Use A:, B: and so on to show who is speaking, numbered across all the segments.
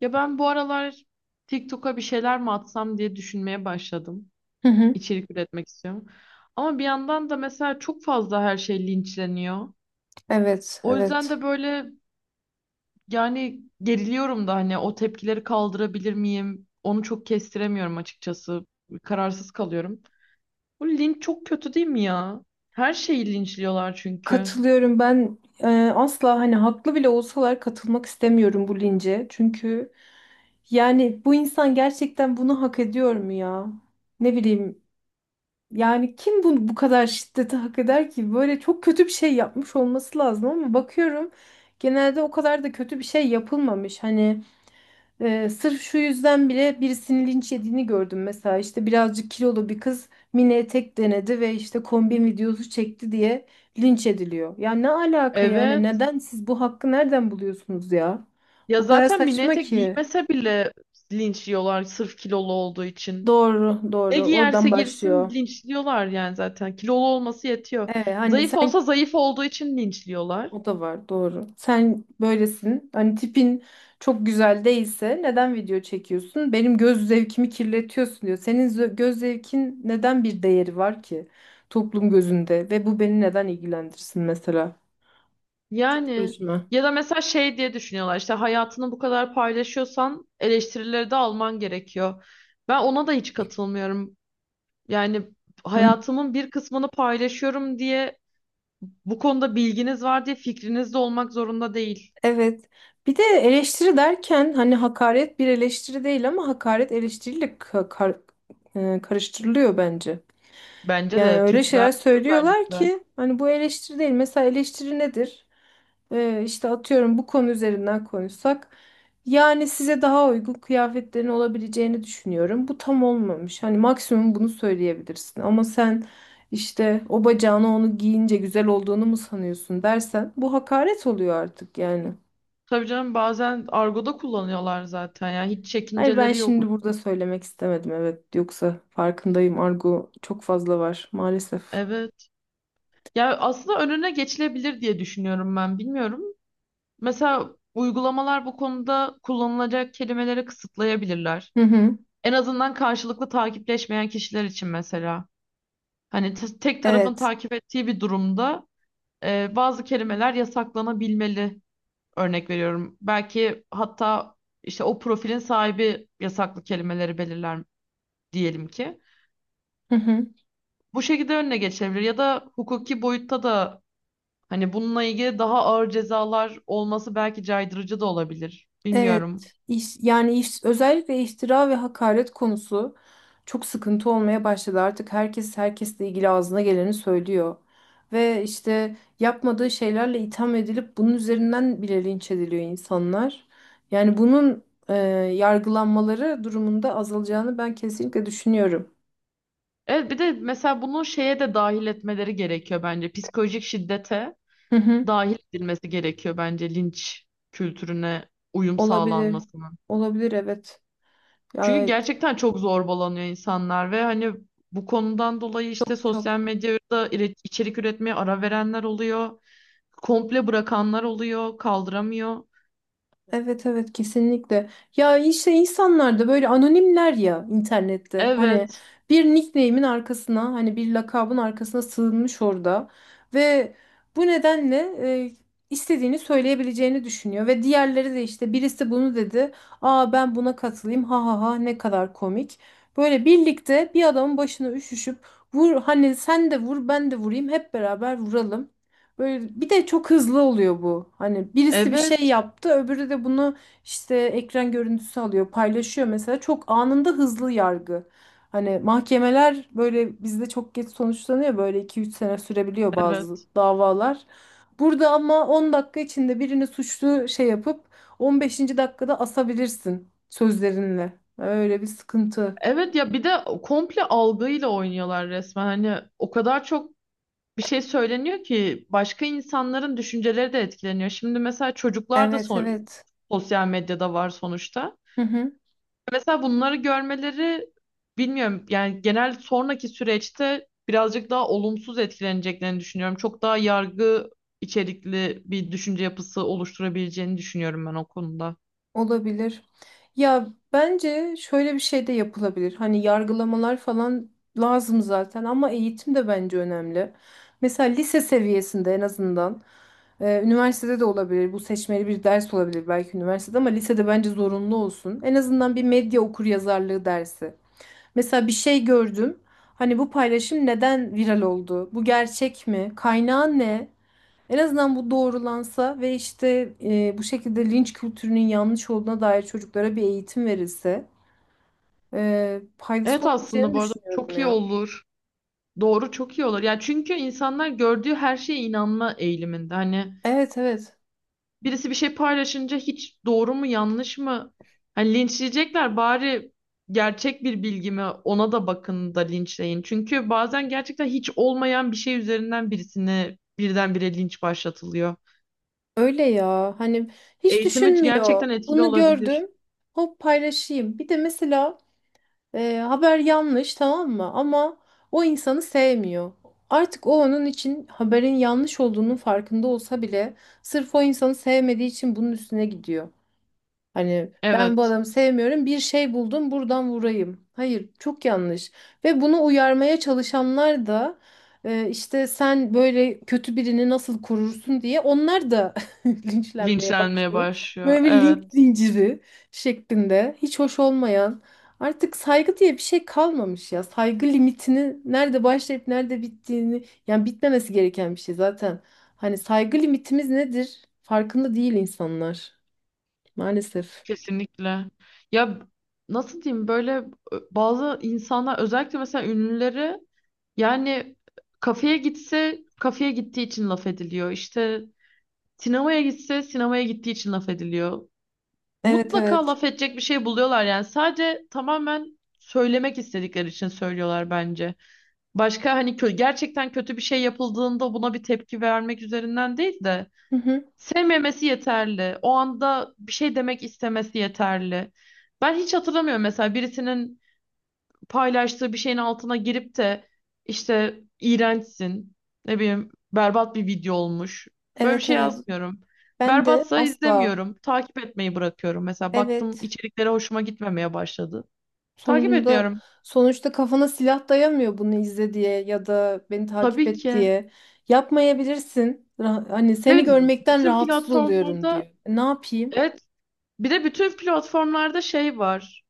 A: Ya ben bu aralar TikTok'a bir şeyler mi atsam diye düşünmeye başladım.
B: Hı hı.
A: İçerik üretmek istiyorum. Ama bir yandan da mesela çok fazla her şey linçleniyor.
B: Evet,
A: O yüzden
B: evet.
A: de böyle yani geriliyorum da hani o tepkileri kaldırabilir miyim? Onu çok kestiremiyorum açıkçası. Kararsız kalıyorum. Bu linç çok kötü değil mi ya? Her şeyi linçliyorlar çünkü.
B: Katılıyorum. Ben asla hani haklı bile olsalar katılmak istemiyorum bu lince. Çünkü yani bu insan gerçekten bunu hak ediyor mu ya? Ne bileyim. Yani kim bu kadar şiddeti hak eder ki? Böyle çok kötü bir şey yapmış olması lazım, ama bakıyorum genelde o kadar da kötü bir şey yapılmamış. Hani sırf şu yüzden bile birisinin linç yediğini gördüm mesela, işte birazcık kilolu bir kız mini etek denedi ve işte kombin videosu çekti diye linç ediliyor. Ya ne alaka yani,
A: Evet.
B: neden siz bu hakkı nereden buluyorsunuz ya?
A: Ya
B: O kadar
A: zaten mini
B: saçma
A: etek
B: ki.
A: giymese bile linçliyorlar sırf kilolu olduğu için.
B: Doğru,
A: Ne
B: doğru,
A: giyerse
B: oradan
A: girsin
B: başlıyor.
A: linçliyorlar yani zaten. Kilolu olması yetiyor.
B: Evet, hani
A: Zayıf olsa
B: sen.
A: zayıf olduğu için linçliyorlar.
B: O da var, doğru. Sen böylesin. Hani tipin çok güzel değilse neden video çekiyorsun? Benim göz zevkimi kirletiyorsun diyor. Senin göz zevkin neden bir değeri var ki toplum gözünde ve bu beni neden ilgilendirsin mesela?
A: Yani
B: Gözüme.
A: ya da mesela şey diye düşünüyorlar, işte hayatını bu kadar paylaşıyorsan eleştirileri de alman gerekiyor. Ben ona da hiç katılmıyorum. Yani
B: Hı.
A: hayatımın bir kısmını paylaşıyorum diye bu konuda bilginiz var diye fikriniz de olmak zorunda değil.
B: Evet. Bir de eleştiri derken hani hakaret bir eleştiri değil, ama hakaret eleştiriyle karıştırılıyor bence.
A: Bence
B: Yani
A: de
B: öyle şeyler
A: Türklerde
B: söylüyorlar
A: özellikle.
B: ki hani bu eleştiri değil. Mesela eleştiri nedir? İşte atıyorum bu konu üzerinden konuşsak. Yani size daha uygun kıyafetlerin olabileceğini düşünüyorum. Bu tam olmamış. Hani maksimum bunu söyleyebilirsin. Ama sen işte o bacağına onu giyince güzel olduğunu mu sanıyorsun dersen bu hakaret oluyor artık yani.
A: Tabii canım bazen argoda kullanıyorlar zaten ya, hiç
B: Hayır, ben
A: çekinceleri yok.
B: şimdi burada söylemek istemedim, evet. Yoksa farkındayım, argo çok fazla var maalesef.
A: Evet. Ya aslında önüne geçilebilir diye düşünüyorum ben. Bilmiyorum. Mesela uygulamalar bu konuda kullanılacak kelimeleri kısıtlayabilirler.
B: Hı hı.
A: En azından karşılıklı takipleşmeyen kişiler için mesela. Hani tek tarafın
B: Evet.
A: takip ettiği bir durumda bazı kelimeler yasaklanabilmeli. Örnek veriyorum. Belki hatta işte o profilin sahibi yasaklı kelimeleri belirler diyelim ki.
B: Hı hı.
A: Bu şekilde önüne geçebilir ya da hukuki boyutta da hani bununla ilgili daha ağır cezalar olması belki caydırıcı da olabilir.
B: Evet,
A: Bilmiyorum.
B: iş, özellikle iftira ve hakaret konusu çok sıkıntı olmaya başladı. Artık herkes herkesle ilgili ağzına geleni söylüyor. Ve işte yapmadığı şeylerle itham edilip bunun üzerinden bile linç ediliyor insanlar. Yani bunun e, yargılanmaları durumunda azalacağını ben kesinlikle düşünüyorum.
A: Evet, bir de mesela bunu şeye de dahil etmeleri gerekiyor bence. Psikolojik şiddete
B: Hı hı,
A: dahil edilmesi gerekiyor bence linç kültürüne uyum
B: olabilir.
A: sağlanmasının.
B: Olabilir, evet.
A: Çünkü
B: Ya
A: gerçekten çok zorbalanıyor insanlar ve hani bu konudan dolayı işte
B: çok çok.
A: sosyal medyada içerik üretmeye ara verenler oluyor. Komple bırakanlar oluyor, kaldıramıyor.
B: Evet, evet, kesinlikle. Ya işte insanlar da böyle anonimler ya internette. Hani
A: Evet,
B: bir nickname'in arkasına, hani bir lakabın arkasına sığınmış orada. Ve bu nedenle e, istediğini söyleyebileceğini düşünüyor. Ve diğerleri de işte birisi bunu dedi. Aa, ben buna katılayım, ha ha ha, ne kadar komik. Böyle birlikte bir adamın başına üşüşüp vur, hani sen de vur, ben de vurayım, hep beraber vuralım. Böyle bir de çok hızlı oluyor bu. Hani birisi bir
A: evet,
B: şey yaptı, öbürü de bunu işte ekran görüntüsü alıyor, paylaşıyor mesela. Çok anında hızlı yargı. Hani mahkemeler böyle bizde çok geç sonuçlanıyor. Böyle 2-3 sene sürebiliyor bazı
A: evet.
B: davalar. Burada ama 10 dakika içinde birini suçlu şey yapıp 15. dakikada asabilirsin sözlerinle. Öyle bir sıkıntı.
A: Evet ya, bir de komple algıyla oynuyorlar resmen. Hani o kadar çok bir şey söyleniyor ki başka insanların düşünceleri de etkileniyor. Şimdi mesela çocuklar da
B: Evet, evet.
A: sosyal medyada var sonuçta.
B: Hı hı.
A: Mesela bunları görmeleri bilmiyorum, yani genel sonraki süreçte birazcık daha olumsuz etkileneceklerini düşünüyorum. Çok daha yargı içerikli bir düşünce yapısı oluşturabileceğini düşünüyorum ben o konuda.
B: Olabilir. Ya bence şöyle bir şey de yapılabilir. Hani yargılamalar falan lazım zaten, ama eğitim de bence önemli. Mesela lise seviyesinde en azından, üniversitede de olabilir. Bu seçmeli bir ders olabilir belki üniversitede, ama lisede bence zorunlu olsun. En azından bir medya okuryazarlığı dersi. Mesela bir şey gördüm. Hani bu paylaşım neden viral oldu? Bu gerçek mi? Kaynağı ne? En azından bu doğrulansa ve işte bu şekilde linç kültürünün yanlış olduğuna dair çocuklara bir eğitim verilse faydası
A: Evet,
B: olabileceğini
A: aslında bu arada
B: düşünüyorum
A: çok iyi
B: ya.
A: olur. Doğru, çok iyi olur. Ya çünkü insanlar gördüğü her şeye inanma eğiliminde. Hani
B: Evet, evet,
A: birisi bir şey paylaşınca hiç doğru mu yanlış mı? Hani linçleyecekler bari, gerçek bir bilgi mi ona da bakın da linçleyin. Çünkü bazen gerçekten hiç olmayan bir şey üzerinden birisine birdenbire linç başlatılıyor.
B: öyle ya. Hani hiç
A: Eğitimi
B: düşünmüyor,
A: gerçekten etkili
B: bunu
A: olabilir.
B: gördüm hop paylaşayım, bir de mesela haber yanlış, tamam mı, ama o insanı sevmiyor, artık o, onun için haberin yanlış olduğunun farkında olsa bile sırf o insanı sevmediği için bunun üstüne gidiyor. Hani ben bu
A: Evet,
B: adamı sevmiyorum, bir şey buldum, buradan vurayım. Hayır, çok yanlış. Ve bunu uyarmaya çalışanlar da işte sen böyle kötü birini nasıl korursun diye onlar da linçlenmeye
A: linçlenmeye
B: başlıyor.
A: başlıyor.
B: Böyle bir linç
A: Evet,
B: zinciri şeklinde, hiç hoş olmayan, artık saygı diye bir şey kalmamış ya. Saygı limitini nerede başlayıp nerede bittiğini, yani bitmemesi gereken bir şey zaten. Hani saygı limitimiz nedir? Farkında değil insanlar, maalesef.
A: kesinlikle. Ya nasıl diyeyim, böyle bazı insanlar özellikle mesela ünlüleri, yani kafeye gitse kafeye gittiği için laf ediliyor. İşte sinemaya gitse sinemaya gittiği için laf ediliyor.
B: Evet,
A: Mutlaka
B: evet.
A: laf edecek bir şey buluyorlar yani. Sadece tamamen söylemek istedikleri için söylüyorlar bence. Başka hani kö gerçekten kötü bir şey yapıldığında buna bir tepki vermek üzerinden değil de
B: Hı hı.
A: sevmemesi yeterli. O anda bir şey demek istemesi yeterli. Ben hiç hatırlamıyorum mesela birisinin paylaştığı bir şeyin altına girip de işte iğrençsin, ne bileyim berbat bir video olmuş. Böyle bir
B: Evet,
A: şey
B: evet.
A: yazmıyorum.
B: Ben de
A: Berbatsa
B: asla.
A: izlemiyorum. Takip etmeyi bırakıyorum. Mesela baktım
B: Evet.
A: içeriklere hoşuma gitmemeye başladı. Takip
B: Sonucunda
A: etmiyorum.
B: sonuçta kafana silah dayamıyor bunu izle diye ya da beni takip
A: Tabii
B: et
A: ki.
B: diye. Yapmayabilirsin. Hani seni
A: Evet,
B: görmekten
A: bütün
B: rahatsız oluyorum
A: platformlarda,
B: diyor. Ne yapayım?
A: evet, bir de bütün platformlarda şey var.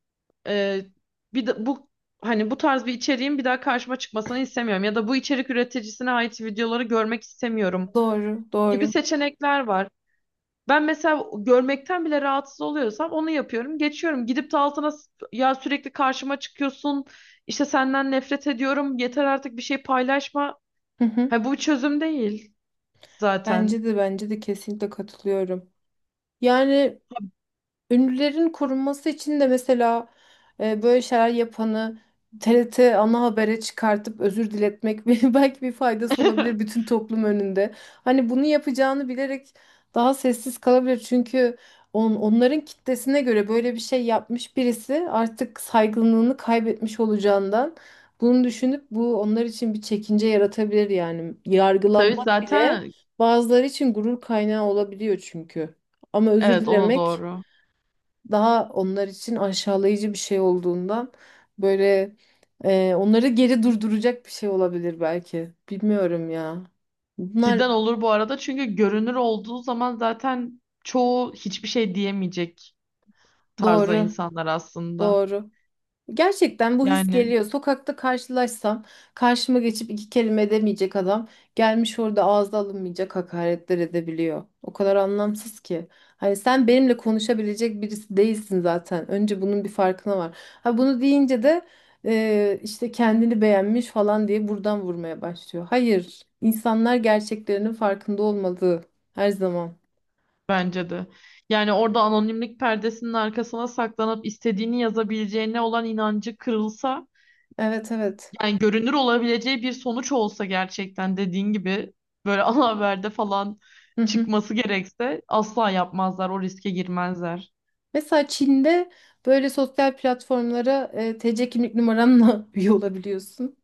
A: Ee, Bir de bu, hani bu tarz bir içeriğin bir daha karşıma çıkmasını istemiyorum ya da bu içerik üreticisine ait videoları görmek istemiyorum
B: Doğru,
A: gibi
B: doğru.
A: seçenekler var. Ben mesela görmekten bile rahatsız oluyorsam onu yapıyorum. Geçiyorum. Gidip de altına ya sürekli karşıma çıkıyorsun. İşte senden nefret ediyorum. Yeter artık, bir şey paylaşma.
B: Hı hı.
A: Ha, bu bir çözüm değil zaten.
B: Bence de kesinlikle katılıyorum. Yani ünlülerin korunması için de mesela böyle şeyler yapanı TRT ana habere çıkartıp özür diletmek belki bir faydası olabilir bütün toplum önünde. Hani bunu yapacağını bilerek daha sessiz kalabilir. Çünkü onların kitlesine göre böyle bir şey yapmış birisi artık saygınlığını kaybetmiş olacağından bunu düşünüp bu onlar için bir çekince yaratabilir yani.
A: Tabii
B: Yargılanmak bile
A: zaten,
B: bazıları için gurur kaynağı olabiliyor çünkü. Ama özür
A: evet, o da
B: dilemek
A: doğru.
B: daha onlar için aşağılayıcı bir şey olduğundan böyle onları geri durduracak bir şey olabilir belki. Bilmiyorum ya. Bunlar
A: Cidden olur bu arada, çünkü görünür olduğu zaman zaten çoğu hiçbir şey diyemeyecek tarza
B: doğru,
A: insanlar aslında.
B: doğru. Gerçekten bu his
A: Yani
B: geliyor. Sokakta karşılaşsam karşıma geçip iki kelime edemeyecek adam gelmiş orada ağza alınmayacak hakaretler edebiliyor. O kadar anlamsız ki. Hani sen benimle konuşabilecek birisi değilsin zaten. Önce bunun bir farkına var. Ha, bunu deyince de işte kendini beğenmiş falan diye buradan vurmaya başlıyor. Hayır, insanlar gerçeklerinin farkında olmalı her zaman.
A: bence de. Yani orada anonimlik perdesinin arkasına saklanıp istediğini yazabileceğine olan inancı kırılsa,
B: Evet, evet.
A: yani görünür olabileceği bir sonuç olsa, gerçekten dediğin gibi böyle ana haberde falan
B: Hı hı.
A: çıkması gerekse asla yapmazlar, o riske girmezler.
B: Mesela Çin'de böyle sosyal platformlara TC kimlik numaranla üye olabiliyorsun.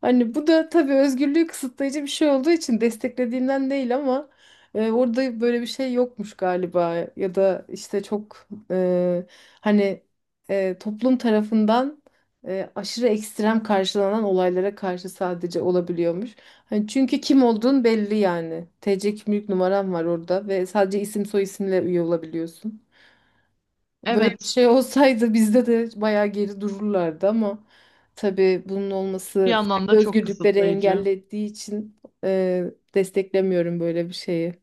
B: Hani bu da tabii özgürlüğü kısıtlayıcı bir şey olduğu için desteklediğimden değil, ama orada böyle bir şey yokmuş galiba, ya da işte çok, hani, toplum tarafından aşırı ekstrem karşılanan olaylara karşı sadece olabiliyormuş. Hani çünkü kim olduğun belli yani. TC kimlik numaran var orada ve sadece isim soy isimle üye olabiliyorsun. Böyle bir
A: Evet,
B: şey olsaydı bizde de bayağı geri dururlardı, ama tabii bunun
A: bir
B: olması
A: yandan
B: farklı
A: da çok
B: özgürlükleri
A: kısıtlayıcı.
B: engellediği için desteklemiyorum böyle bir şeyi.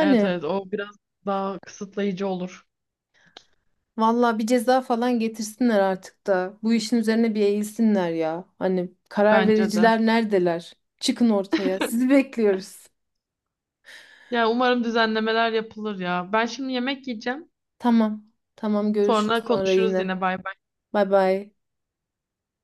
A: Evet, evet, o biraz daha kısıtlayıcı olur
B: valla bir ceza falan getirsinler artık da bu işin üzerine bir eğilsinler ya. Hani karar
A: bence de.
B: vericiler neredeler? Çıkın ortaya. Sizi bekliyoruz.
A: Yani umarım düzenlemeler yapılır ya. Ben şimdi yemek yiyeceğim.
B: Tamam. Tamam, görüşürüz
A: Sonra
B: sonra
A: konuşuruz
B: yine.
A: yine. Bay bay.
B: Bay bay.